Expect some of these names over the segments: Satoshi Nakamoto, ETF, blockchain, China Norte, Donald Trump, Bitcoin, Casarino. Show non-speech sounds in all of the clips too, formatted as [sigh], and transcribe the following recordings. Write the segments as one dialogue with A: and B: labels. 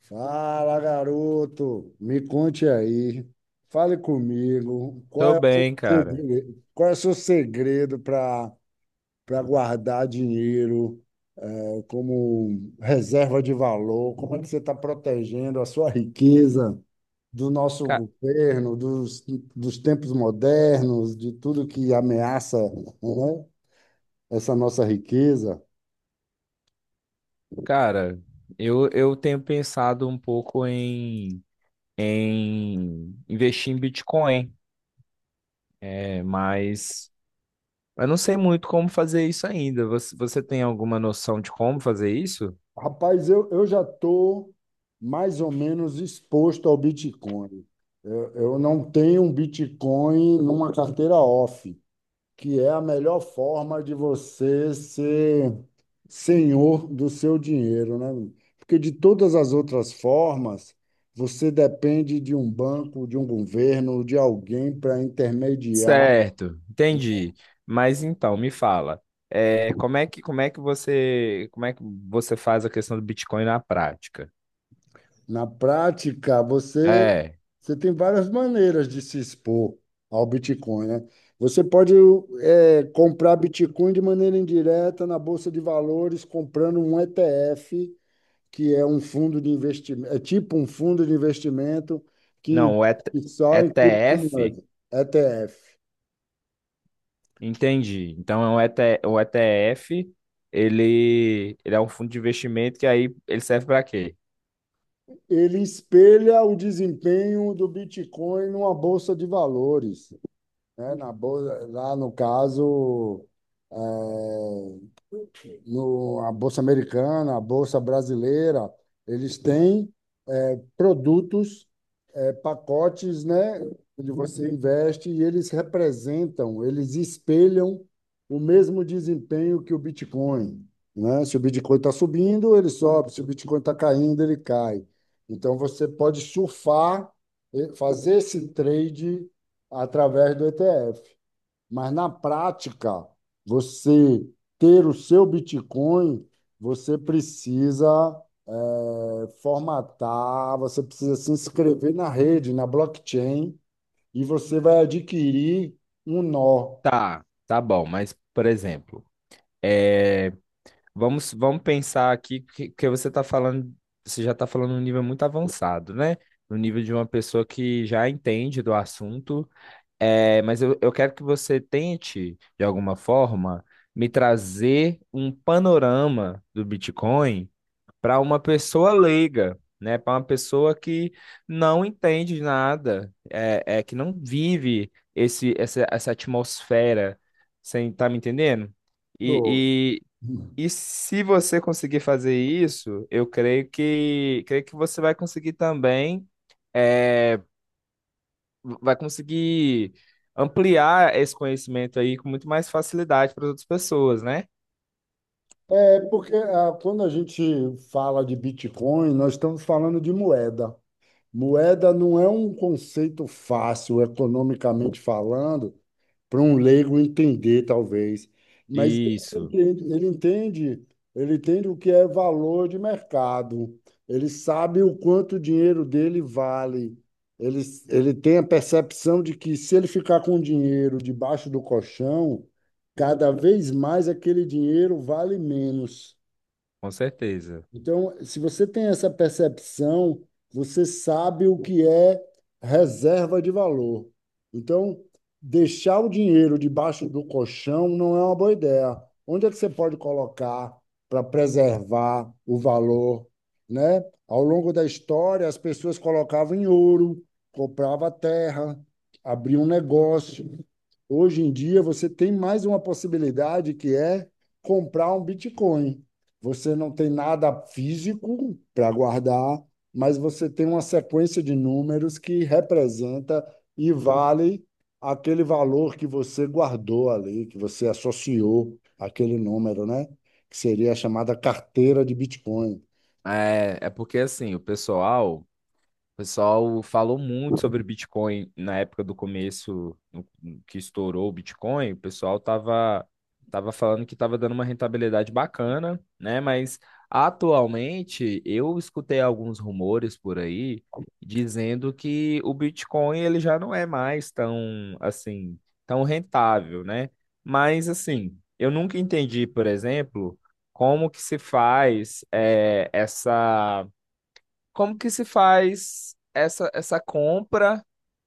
A: Fala, garoto. Me conte aí. Fale comigo. Qual
B: Tô
A: é o seu
B: bem, cara.
A: segredo, qual é o seu segredo para guardar dinheiro, como reserva de valor? Como é que você está protegendo a sua riqueza do nosso
B: Ca-
A: governo, dos tempos modernos, de tudo que ameaça, né, essa nossa riqueza?
B: cara, eu tenho pensado um pouco em investir em Bitcoin, mas eu não sei muito como fazer isso ainda. Você tem alguma noção de como fazer isso?
A: Rapaz, eu já estou mais ou menos exposto ao Bitcoin. Eu não tenho um Bitcoin numa carteira off, que é a melhor forma de você ser senhor do seu dinheiro, né? Porque de todas as outras formas, você depende de um banco, de um governo, de alguém para intermediar.
B: Certo, entendi. Mas então, me fala, como é que você faz a questão do Bitcoin na prática?
A: Na prática,
B: É,
A: você tem várias maneiras de se expor ao Bitcoin, né? Você pode comprar Bitcoin de maneira indireta na Bolsa de Valores, comprando um ETF, que é um fundo de investimento, é tipo um fundo de investimento que
B: não, o ET-
A: investe só em
B: ETF.
A: criptomoedas. ETF.
B: Entendi. Então é um ET o ETF, ele é um fundo de investimento que aí ele serve para quê?
A: Ele espelha o desempenho do Bitcoin numa Bolsa de Valores, né? Na bolsa, lá no caso. Eh, no, A Bolsa Americana, a Bolsa Brasileira, eles têm produtos, é, pacotes, né, onde você investe e eles representam, eles espelham o mesmo desempenho que o Bitcoin. Né? Se o Bitcoin está subindo, ele sobe, se o Bitcoin está caindo, ele cai. Então você pode surfar, fazer esse trade através do ETF. Mas na prática, você ter o seu Bitcoin, você precisa formatar, você precisa se inscrever na rede, na blockchain, e você vai adquirir um nó
B: Tá, tá bom, mas por exemplo, é, vamos pensar aqui que você está falando, você já está falando num nível muito avançado, né? No nível de uma pessoa que já entende do assunto, mas eu quero que você tente, de alguma forma, me trazer um panorama do Bitcoin para uma pessoa leiga, né? Para uma pessoa que não entende nada, é que não vive essa atmosfera, você tá me entendendo?
A: do.
B: E, e se você conseguir fazer isso, eu creio que você vai conseguir também, é, vai conseguir ampliar esse conhecimento aí com muito mais facilidade para as outras pessoas, né?
A: É porque quando a gente fala de Bitcoin, nós estamos falando de moeda. Moeda não é um conceito fácil, economicamente falando, para um leigo entender, talvez. Mas
B: Isso,
A: ele entende o que é valor de mercado. Ele sabe o quanto o dinheiro dele vale. Ele, Ele tem a percepção de que se ele ficar com o dinheiro debaixo do colchão, cada vez mais aquele dinheiro vale menos.
B: com certeza.
A: Então, se você tem essa percepção, você sabe o que é reserva de valor. Então, deixar o dinheiro debaixo do colchão não é uma boa ideia. Onde é que você pode colocar para preservar o valor, né? Ao longo da história, as pessoas colocavam em ouro, compravam terra, abriam um negócio. Hoje em dia, você tem mais uma possibilidade que é comprar um Bitcoin. Você não tem nada físico para guardar, mas você tem uma sequência de números que representa e vale aquele valor que você guardou ali, que você associou aquele número, né? Que seria a chamada carteira de Bitcoin.
B: É porque assim, o pessoal falou muito sobre Bitcoin na época do começo, que estourou o Bitcoin. O pessoal tava falando que tava dando uma rentabilidade bacana, né? Mas atualmente eu escutei alguns rumores por aí dizendo que o Bitcoin ele já não é mais tão assim, tão rentável, né? Mas assim, eu nunca entendi, por exemplo, como que se faz eh, essa como que se faz essa compra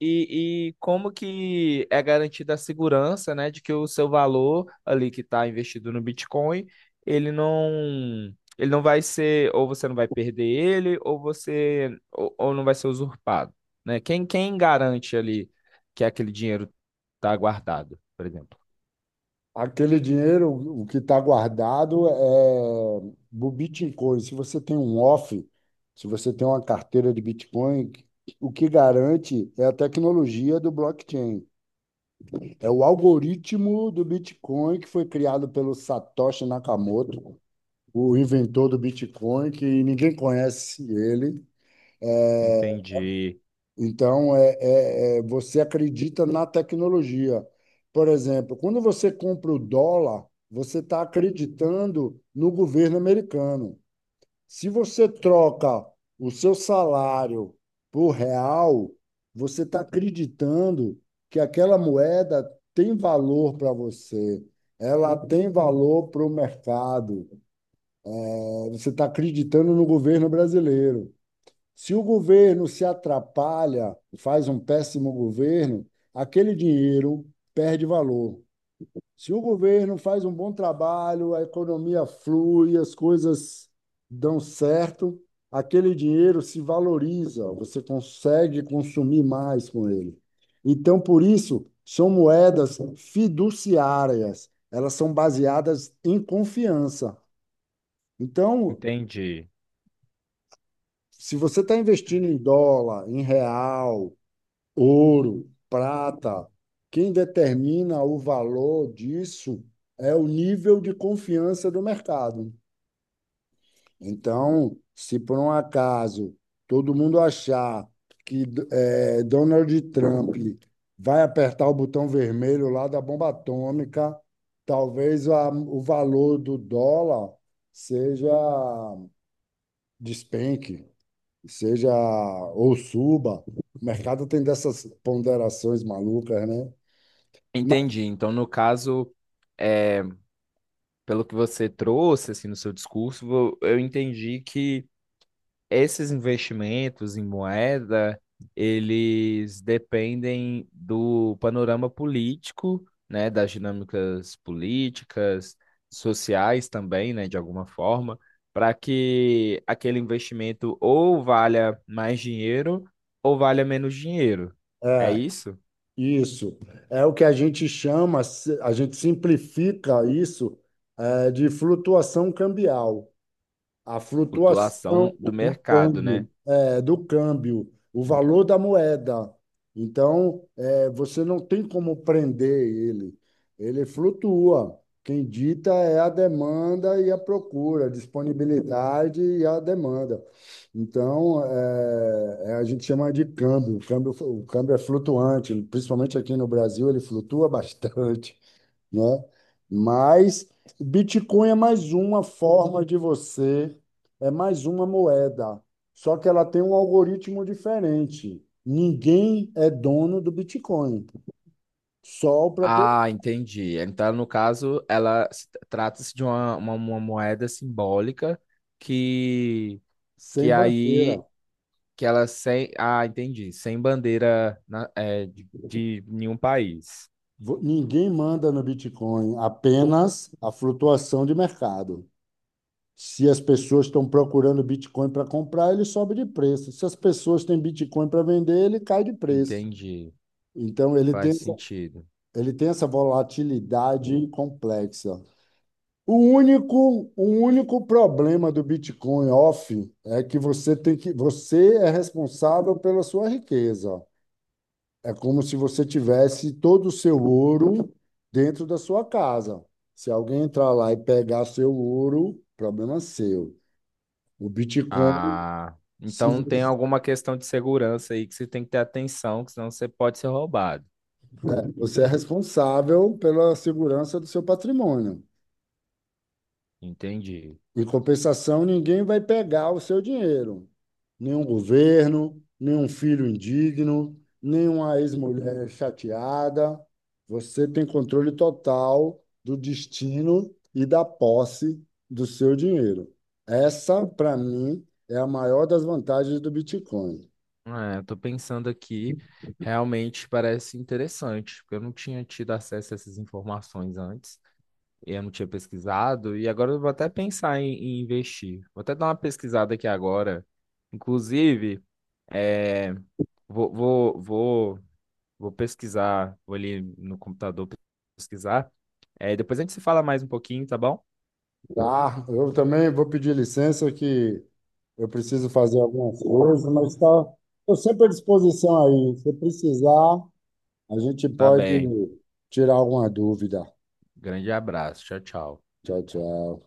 B: e como que é garantida a segurança, né, de que o seu valor ali que está investido no Bitcoin, ele não ele não vai ser ou você não vai perder ele ou não vai ser usurpado, né? Quem garante ali que aquele dinheiro está guardado, por exemplo?
A: Aquele dinheiro, o que está guardado é o Bitcoin. Se você tem um off, se você tem uma carteira de Bitcoin, o que garante é a tecnologia do blockchain. É o algoritmo do Bitcoin que foi criado pelo Satoshi Nakamoto, o inventor do Bitcoin, que ninguém conhece ele. É,
B: Entendi,
A: então, você acredita na tecnologia. Por exemplo, quando você compra o dólar, você está acreditando no governo americano. Se você troca o seu salário por real, você está acreditando que aquela moeda tem valor para você, ela tem valor para o mercado, você está acreditando no governo brasileiro. Se o governo se atrapalha, faz um péssimo governo, aquele dinheiro perde valor. Se o governo faz um bom trabalho, a economia flui, as coisas dão certo, aquele dinheiro se valoriza, você consegue consumir mais com ele. Então, por isso, são moedas fiduciárias, elas são baseadas em confiança. Então,
B: entendi,
A: se você está investindo em dólar, em real, ouro, prata. Quem determina o valor disso é o nível de confiança do mercado. Então, se por um acaso todo mundo achar que Donald Trump vai apertar o botão vermelho lá da bomba atômica, talvez o valor do dólar seja despenque, seja ou suba. O mercado tem dessas ponderações malucas, né? Mas-
B: entendi. Então, no caso é pelo que você trouxe assim no seu discurso, eu entendi que esses investimentos em moeda, eles dependem do panorama político, né, das dinâmicas políticas, sociais também, né, de alguma forma, para que aquele investimento ou valha mais dinheiro ou valha menos dinheiro. É
A: É,
B: isso?
A: isso. É o que a gente chama, a gente simplifica isso, é, de flutuação cambial. A
B: Flutuação
A: flutuação do
B: do mercado,
A: câmbio,
B: né?
A: é, do câmbio, o valor da moeda. Então, é, você não tem como prender ele. Ele flutua. Quem dita é a demanda e a procura, a disponibilidade e a demanda. Então, a gente chama de câmbio. O câmbio, o câmbio é flutuante, principalmente aqui no Brasil, ele flutua [laughs] bastante, né? Mas Bitcoin é mais uma forma de você, é mais uma moeda, só que ela tem um algoritmo diferente. Ninguém é dono do Bitcoin, só o próprio,
B: Ah, entendi. Então, no caso, ela trata-se de uma moeda simbólica que, que
A: sem
B: aí
A: bandeira.
B: que ela sem. Ah, entendi. Sem bandeira de nenhum país.
A: Ninguém manda no Bitcoin, apenas a flutuação de mercado. Se as pessoas estão procurando Bitcoin para comprar, ele sobe de preço. Se as pessoas têm Bitcoin para vender, ele cai de preço.
B: Entendi.
A: Então, ele
B: Faz
A: tem
B: sentido.
A: Ele tem essa volatilidade complexa. O único problema do Bitcoin off é que você é responsável pela sua riqueza. É como se você tivesse todo o seu ouro dentro da sua casa. Se alguém entrar lá e pegar seu ouro, problema seu. O Bitcoin,
B: Ah,
A: se
B: então tem
A: você,
B: alguma questão de segurança aí que você tem que ter atenção, que senão você pode ser roubado.
A: é, você é responsável pela segurança do seu patrimônio.
B: Entendi.
A: Em compensação, ninguém vai pegar o seu dinheiro. Nenhum governo, nenhum filho indigno, nenhuma ex-mulher chateada. Você tem controle total do destino e da posse do seu dinheiro. Essa, para mim, é a maior das vantagens do Bitcoin.
B: Tô pensando aqui, realmente parece interessante, porque eu não tinha tido acesso a essas informações antes, e eu não tinha pesquisado, e agora eu vou até pensar em investir. Vou até dar uma pesquisada aqui agora. Inclusive, é, vou, vou, vou, vou pesquisar, vou ali no computador pesquisar. Depois a gente se fala mais um pouquinho, tá bom?
A: Tá, eu também vou pedir licença que eu preciso fazer algumas coisas, mas tá, estou sempre à disposição aí. Se precisar, a gente
B: Tá
A: pode
B: bem.
A: tirar alguma dúvida.
B: Grande abraço. Tchau, tchau.
A: Tchau, tchau.